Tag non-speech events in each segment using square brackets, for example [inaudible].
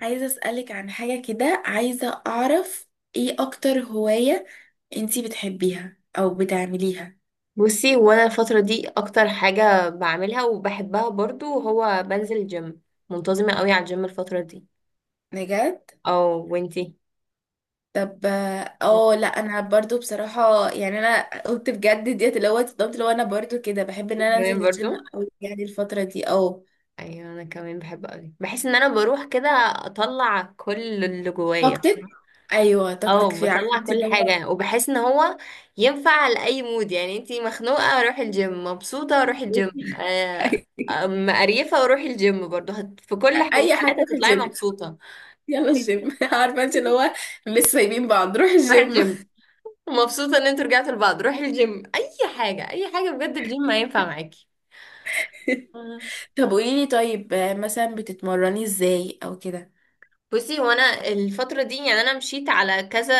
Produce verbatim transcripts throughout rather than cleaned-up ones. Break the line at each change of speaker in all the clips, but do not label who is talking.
عايزة أسألك عن حاجة كده، عايزة أعرف إيه أكتر هواية أنتي بتحبيها أو بتعمليها.
بصي، وانا الفترة دي اكتر حاجة بعملها وبحبها برضو هو بنزل جيم. منتظمة قوي على الجيم الفترة دي.
بجد؟
او، وانتي
طب اه لا، انا برضو بصراحة يعني انا قلت بجد ديت، اللي هو اتصدمت، اللي هو انا برضو كده بحب ان انا
كمان
انزل الجيم،
برضو.
او يعني الفترة دي. اه
ايوه انا كمان بحب قوي، بحس ان انا بروح كده اطلع كل اللي جوايا،
طاقتك. ايوه طاقتك،
او
في، عارفة
بطلع
انت
كل
اللي هو.
حاجة وبحس ان هو ينفع لأي مود. يعني انتي مخنوقة روحي الجيم، مبسوطة روحي الجيم،
[laughs]
آه، أم- قريفة وروحي الجيم برضو هت... في كل
اي حاجة
الحالات
روح
هتطلعي
الجيم.
مبسوطة.
يلا الجيم. [laughs] عارفة انت اللي هو، مش سايبين بعض، روح
روحي
الجيم.
الجيم، مبسوطة ان انتوا رجعتوا لبعض، روحي الجيم، اي حاجة، اي حاجة بجد الجيم هينفع معاكي.
[laughs]
مم.
طب قوليلي طيب، آه، مثلا بتتمرني ازاي او كده؟
بصي، هو انا الفترة دي يعني انا مشيت على كذا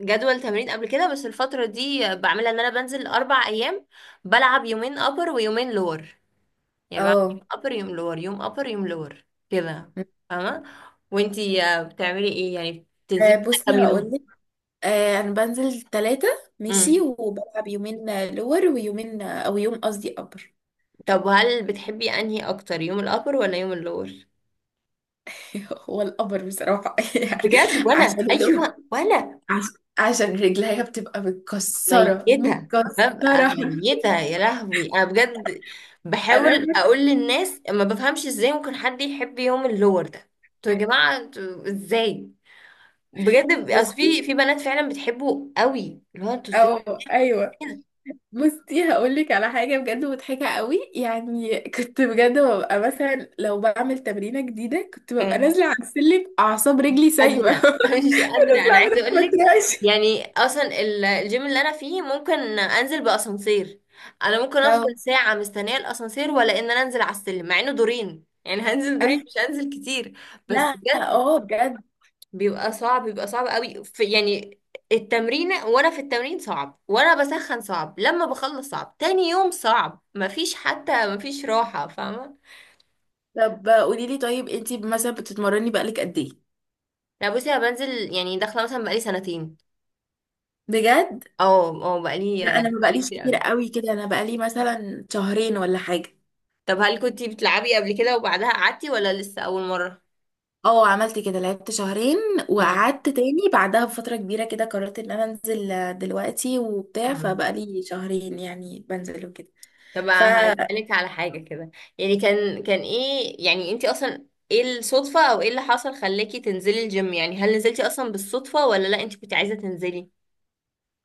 جدول تمرين قبل كده، بس الفترة دي بعملها ان انا بنزل اربع ايام. بلعب يومين ابر ويومين لور. يعني بعمل
اه
يوم ابر يوم لور يوم ابر يوم لور كده، فاهمة. وانتي آه، بتعملي ايه؟ يعني بتنزلي
آه،
كده
بصي
كام يوم؟
هقولك. آه، انا بنزل ثلاثة، ماشي،
امم
وبلعب يومين آه، لور، ويومين آه، او يوم قصدي ابر.
طب هل بتحبي انهي اكتر، يوم الابر ولا يوم اللور؟
[laughs] هو الابر بصراحة، [laughs] يعني
بجد؟ وانا،
عشان اللور،
ايوه وانا
عش- عشان رجليها بتبقى متكسرة
ميتة، ببقى
متكسرة.
ميتة يا لهوي أنا بجد.
[laughs] انا
بحاول أقول للناس ما بفهمش إزاي ممكن حد يحب يوم اللور ده. انتوا يا جماعة انتوا إزاي؟ بجد أصل
بصي،
في في بنات فعلا بتحبه قوي، اللي هو انتوا إزاي
او ايوه.
كده؟
بصي هقولك على حاجة بجد مضحكة قوي. يعني كنت بجد ببقى مثلا لو بعمل تمرينة جديدة، كنت ببقى
أنا
نازلة على السلم أعصاب
مش
رجلي سايبة.
قادرة [laughs] مش
[laughs]
قادرة،
نازلة
أنا
أعمل
عايزة أقول
ما
لك،
تريقش.
يعني أصلا ال- الجيم اللي أنا فيه ممكن أنزل بأسانسير. أنا ممكن أفضل
أو
ساعة مستنية الأسانسير ولا إن أنا أنزل على السلم، مع إنه دورين، يعني هنزل دورين
أي،
مش هنزل كتير. بس
لا
بجد
اه بجد.
بيبقى صعب، بيبقى صعب قوي في يعني التمرين. وانا في التمرين صعب، وانا بسخن صعب، لما بخلص صعب، تاني يوم صعب، مفيش حتى مفيش راحة، فاهمة.
طب قولي لي طيب، انتي مثلا بتتمرني بقالك قد ايه؟
لا بصي، انا بنزل يعني داخلة مثلا بقالي سنتين.
بجد،
اه، اه بقالي،
لا انا ما
بقالي
بقاليش
كتير
كتير
قوي.
قوي كده، انا بقالي مثلا شهرين ولا حاجة.
طب هل كنتي بتلعبي قبل كده وبعدها قعدتي ولا لسه اول مرة؟
اه عملت كده لعبت شهرين، وقعدت تاني بعدها بفترة كبيرة كده قررت ان انا انزل آه، دلوقتي وبتاع،
امم
فبقالي شهرين يعني بنزل وكده.
طب
ف
هسألك على حاجة كده. يعني كان كان ايه، يعني انتي اصلا ايه الصدفة او ايه اللي حصل خلاكي تنزلي الجيم؟ يعني هل نزلتي اصلا بالصدفة ولا لا، انتي كنت عايزة تنزلي؟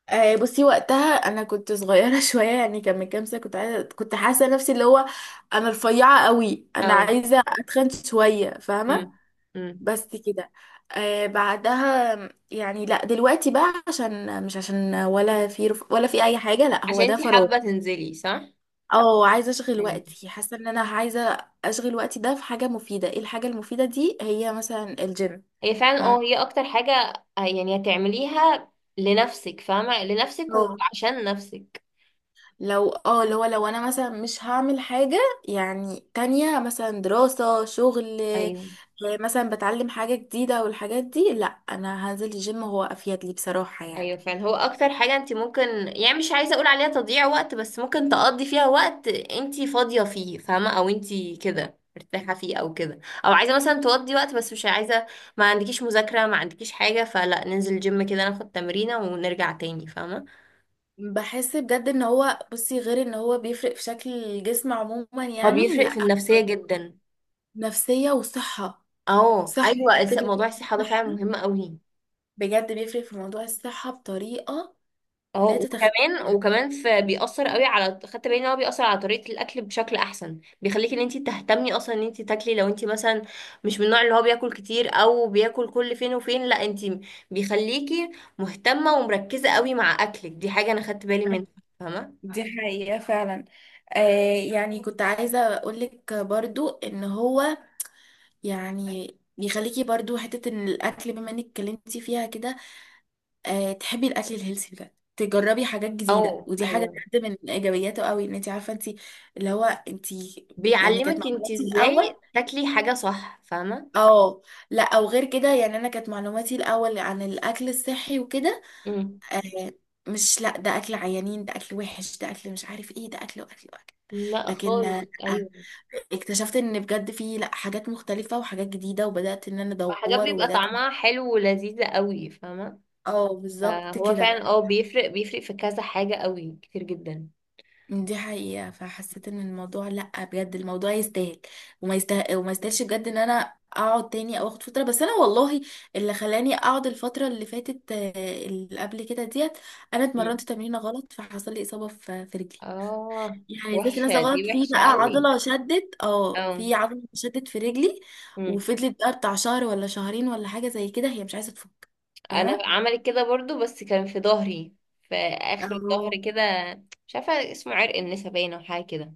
آه، بصي وقتها انا كنت صغيرة، [laughs] شوية يعني كان من كام سنة. كنت عايزة، كنت حاسة نفسي اللي هو انا رفيعة قوي، انا
اه.
عايزة اتخن شوية، فاهمة؟
امم امم
بس كده. آه بعدها يعني لا دلوقتي بقى عشان مش عشان ولا في رف... ولا في اي حاجة، لا هو
عشان
ده
انتي
فراغ.
حابة تنزلي، صح.
اه عايزه اشغل
ايوه،
وقتي، حاسه ان انا عايزه اشغل وقتي ده في حاجه مفيده. ايه الحاجه المفيده دي؟ هي مثلا الجيم.
هي فعلا، اه
فاهمة؟
هي اكتر حاجة. آه، يعني هتعمليها لنفسك، فاهمة، لنفسك
اه
وعشان نفسك.
لو اه اللي هو لو انا مثلا مش هعمل حاجه يعني تانية، مثلا دراسه، شغل، آه،
ايوه،
مثلا بتعلم حاجه جديده والحاجات دي، لا انا هنزل الجيم هو افيد لي بصراحه يعني.
ايوه فعلا هو اكتر حاجه انت ممكن، يعني مش عايزه اقول عليها تضييع وقت بس ممكن تقضي فيها وقت انت فاضيه فيه، فاهمه، او انت كده مرتاحه فيه او كده، او عايزه مثلا تقضي وقت بس مش عايزه، ما عندكيش مذاكره ما عندكيش حاجه، فلا ننزل جيم كده ناخد تمرينه ونرجع تاني، فاهمه.
بحس بجد ان هو، بصي، غير ان هو بيفرق في شكل الجسم عموما،
هو
يعني
بيفرق
لا،
في النفسيه جدا.
نفسيه وصحه،
اه
صحه.
ايوه، الس-
بجد
موضوع
بيفرق في
الصحه ده فعلا
الصحة.
مهم قوي.
بجد بيفرق في موضوع الصحة بطريقة
اه،
لا
وكمان
تتخيليها.
وكمان في بيأثر قوي، على خدت بالي ان هو بيأثر على طريقة الأكل بشكل أحسن. بيخليكي ان انت تهتمي اصلا ان انت تاكلي، لو انت مثلا مش من النوع اللي هو بياكل كتير او بياكل كل فين وفين، لا انت بيخليكي مهتمة ومركزة قوي مع أكلك. دي حاجة انا خدت بالي منها، فاهمة.
دي حقيقة فعلا. آه يعني كنت عايزة أقولك برضو إن هو يعني بيخليكي برضو حتة إن الأكل، بما إنك اتكلمتي فيها كده، آه تحبي الأكل الهيلثي بجد، تجربي حاجات
او
جديدة، ودي حاجة
ايوه،
بجد من إيجابياته قوي. إن أنت عارفة أنت اللي هو أنت، يعني كانت
بيعلمك انت
معلوماتي الأول،
ازاي تاكلي حاجة صح، فاهمة.
اه لا، أو غير كده يعني. أنا كانت معلوماتي الأول عن الأكل الصحي وكده،
امم
آه مش لا، ده اكل عيانين، ده اكل وحش، ده اكل مش عارف ايه، ده اكل واكل واكل.
لا
لكن آه،
خالص،
لأ،
ايوه،
اكتشفت ان بجد في، لا، حاجات مختلفة وحاجات جديدة، وبدأت ان انا
حاجات
ادور
بيبقى
وبدأت.
طعمها حلو ولذيذة قوي، فاهمة.
اه بالظبط
فهو
كده.
فعلا، اه بيفرق بيفرق في كذا حاجة قوي كتير جدا.
دي حقيقة. فحسيت ان الموضوع، لا بجد الموضوع يستاهل وما يستاهل، وما يستاهلش بجد ان انا اقعد تاني او اخد فترة. بس انا والله اللي خلاني اقعد الفترة اللي فاتت، آه، اللي قبل كده ديت، انا اتمرنت
مم.
تمرينة غلط فحصل لي اصابة في في رجلي.
اه،
يعني نزلت
وحشة
نازله
دي،
غلط، في
وحشة
بقى
قوي.
عضله شدت، اه
اه.
في عضله شدت في رجلي.
مم.
وفضلت بقى بتاع شهر ولا شهرين ولا حاجه زي كده هي مش عايزه تفك،
انا
فاهمه؟
عملت كده برضو، بس كان في ظهري، في اخر
اه
الظهر كده. مش عارفة اسمه عرق النسا باينة او حاجة كده.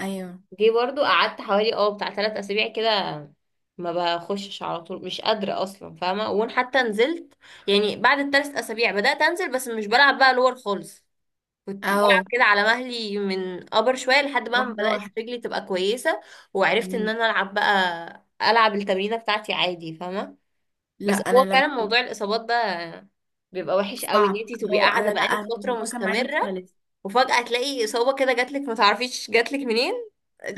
ايوه
جه برضو، قعدت حوالي اه بتاع ثلاث اسابيع كده، ما بخشش على طول، مش قادرة اصلا، فاهمة. وان حتى نزلت يعني بعد الثلاث اسابيع بدأت انزل، بس مش بلعب بقى لور خالص. كنت بلعب
اه.
كده على مهلي من ابر شوية، لحد بقى ما
واحده
بدأت
واحده.
رجلي تبقى كويسة، وعرفت ان
مم.
انا العب بقى، العب التمرينة بتاعتي عادي، فاهمة.
لا
بس
انا
هو
لما
فعلا
كنت،
موضوع الاصابات ده بيبقى وحش قوي، ان
صعب،
انتي تبقي
اه
قاعده
انا لا
بقالك
انا
فتره
الموضوع كان معايا
مستمره،
مختلف.
وفجاه تلاقي اصابه كده جاتلك ما تعرفيش جاتلك منين.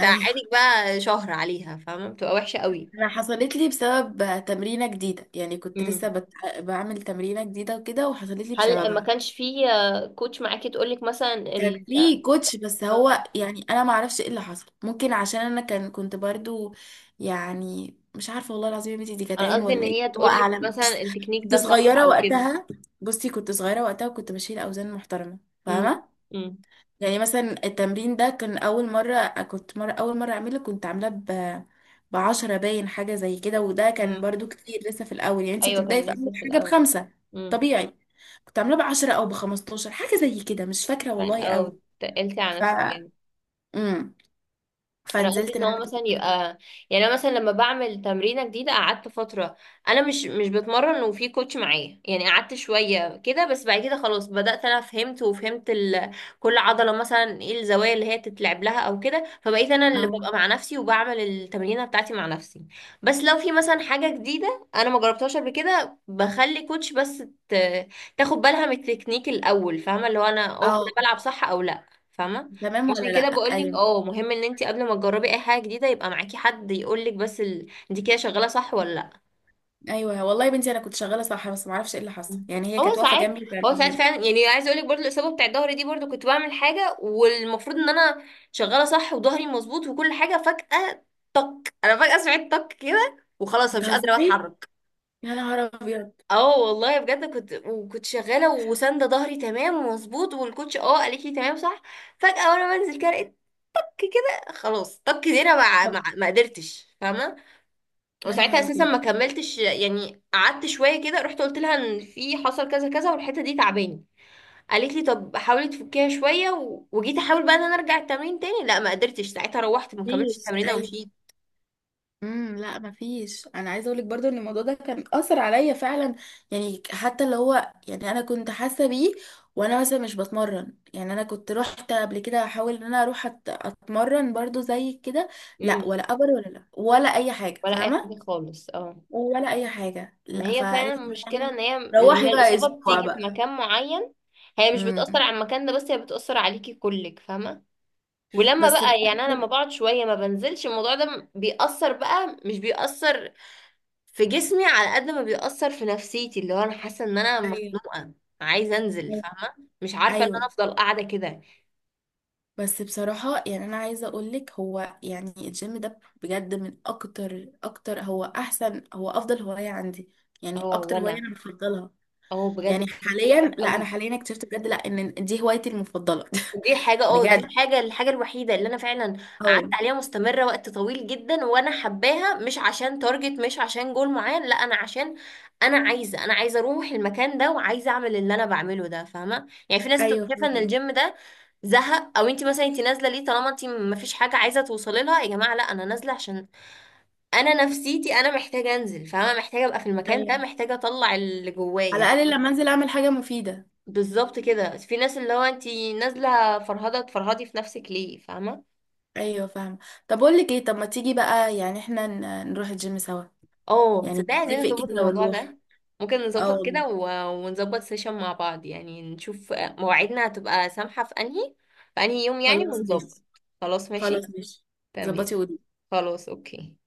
ايوه،
تعاني بقى شهر عليها، فاهمة، بتبقى وحشة قوي.
انا حصلت لي بسبب تمرينه جديده. يعني كنت لسه
مم.
بت... بعمل تمرينه جديده وكده، وحصلت لي
هل ما
بسببها.
كانش في آه، كوتش معاكي تقولك مثلا
كان
ال...
في كوتش، بس
آه،
هو يعني انا ما اعرفش ايه اللي حصل، ممكن عشان انا كان كنت برضو يعني مش عارفه. والله العظيم يا بنتي دي كانت
انا
عين
قصدي ان
ولا ايه،
هي
هو
تقولك
اعلم.
مثلا التكنيك
كنت
ده صح
صغيره
او كده.
وقتها. بصي كنت صغيره وقتها وكنت بشيل اوزان محترمه،
مم.
فاهمه؟
مم.
يعني مثلا التمرين ده كان اول مره، كنت مره اول مره اعمله، كنت عاملاه ب، بعشرة باين حاجه زي كده، وده كان
مم.
برضو كتير لسه في الاول يعني. انتي
ايوه
بتبداي
كان
في اول
لسه في
حاجه
الاول.
بخمسة،
امم
طبيعي. كنت عاملاه بعشرة او بخمستاشر، حاجه زي كده مش فاكره والله قوي.
او تقلتي على
ف،
نفسك يعني.
امم،
انا قصدي
فنزلت
ان هو
نعدي
مثلا
كده.
يبقى، يعني انا مثلا لما بعمل تمرينه جديده قعدت فتره انا مش مش بتمرن وفي كوتش معايا، يعني قعدت شويه كده، بس بعد كده خلاص بدات انا فهمت، وفهمت ال... كل عضله مثلا ايه الزوايا اللي هي تتلعب لها او كده. فبقيت انا اللي
اه
ببقى مع نفسي وبعمل التمرينه بتاعتي مع نفسي، بس لو في مثلا حاجه جديده انا ما جربتهاش قبل كده بخلي كوتش بس ت... تاخد بالها من التكنيك الاول، فاهمه، اللي هو انا اه كده
اه.
بلعب صح او لا، فاهمه.
تمام ولا
عشان
لا.
كده بقولك،
ايوه.
اه مهم ان انت قبل ما تجربي اي حاجه جديده يبقى معاكي حد يقولك بس ال... انت كده شغاله صح ولا لا.
ايوه والله يا بنتي انا كنت شغاله صح، بس ما اعرفش ايه اللي حصل. يعني هي
هو
كانت واقفه
ساعات
جنبي وكانت
هو ساعات
تمام.
فعلا، يعني عايزه اقولك برضو الاصابه بتاع ظهري دي برضو كنت بعمل حاجه والمفروض ان انا شغاله صح وظهري مظبوط وكل حاجه، فجاه طك، انا فجاه سمعت طك كده وخلاص انا مش قادره
بتهزري!
اتحرك.
يا نهار ابيض!
اه والله بجد، كنت وكنت شغاله وساندة ظهري تمام ومظبوط، والكوتش اه قالت لي تمام صح. فجاه وانا بنزل كده لقيت طك كده، خلاص طك دي انا
طب،
ما ما ما قدرتش، فاهمه.
يا
وساعتها
نهار
اساسا
ابيض.
ما كملتش، يعني قعدت شويه كده، رحت قلت لها ان في حصل كذا كذا والحته دي تعباني. قالت لي طب حاولي تفكيها شويه و... وجيت احاول بقى ان انا ارجع التمرين تاني، لا ما قدرتش، ساعتها روحت ما كملتش
مفيش
التمرين
أيوه.
ومشيت.
امم، لا مفيش. انا عايزه اقولك برضو ان الموضوع ده كان اثر عليا فعلا. يعني حتى اللي هو يعني انا كنت حاسه بيه وانا مثلا مش بتمرن. يعني انا كنت رحت قبل كده احاول ان انا اروح أت- اتمرن برضو زي كده، لا،
امم
ولا ابر ولا، لا ولا اي حاجه،
ولا اي
فاهمه؟
حاجه خالص، اه.
ولا اي حاجه.
ما
لا
هي فعلا
فقالت لي
المشكله، ان هي
روحي
لما
بقى
الاصابه
اسبوع
بتيجي في
بقى.
مكان معين، هي مش بتأثر
امم.
على المكان ده بس، هي بتأثر عليكي كلك، فاهمة. ولما
بس
بقى يعني أنا لما
بجد،
بقعد شوية ما بنزلش، الموضوع ده بيأثر بقى، مش بيأثر في جسمي على قد ما بيأثر في نفسيتي، اللي هو انا حاسه ان انا
ايوه
مخنوقه، عايزه انزل، فاهمه، مش عارفه ان انا
ايوه.
افضل قاعده كده.
بس بصراحة يعني أنا عايزة أقولك، هو يعني الجيم ده بجد من أكتر أكتر، هو أحسن، هو أفضل هواية عندي. يعني
اه،
أكتر هواية
وانا
أنا بفضلها
اه بجد
يعني
بحبه
حاليا. لا أنا
قوي.
حاليا اكتشفت بجد لا إن دي هوايتي المفضلة.
دي حاجة،
[laughs]
اه دي
بجد
الحاجة الحاجة الوحيدة اللي انا فعلا قعدت
أه.
عليها مستمرة وقت طويل جدا، وانا حباها مش عشان تارجت، مش عشان جول معين، لا انا عشان انا عايزة انا عايزة اروح المكان ده وعايزة اعمل اللي انا بعمله ده، فاهمة. يعني في ناس بتبقى
أيوه
شايفة ان
فاهمة.
الجيم ده زهق، او انت مثلا انت نازلة ليه، طالما انت مفيش حاجة عايزة توصلي لها. يا جماعة لا، انا نازلة عشان انا نفسيتي، انا محتاجة انزل، فاهمة، محتاجة ابقى في المكان ده،
أيوه،
محتاجة اطلع اللي
على
جوايا.
الأقل لما أنزل أعمل حاجة مفيدة.
بالظبط كده، في ناس اللي هو انت نازلة فرهضة تفرهدي في نفسك ليه، فاهمة.
أيوه فاهمة. طب أقول لك إيه، طب ما تيجي بقى يعني إحنا ن- نروح الجيم سوا.
اه،
يعني
تصدقي عايزين
نتفق
نظبط
كده
الموضوع
ونروح.
ده. ممكن
أه
نظبط
والله.
كده و- ونظبط سيشن مع بعض، يعني نشوف مواعيدنا هتبقى سامحة في انهي، في انهي يوم يعني
خلاص
ونظبط.
ماشي.
خلاص ماشي،
خلاص ماشي. ظبطي
تمام.
ودي.
خلاص اوكي.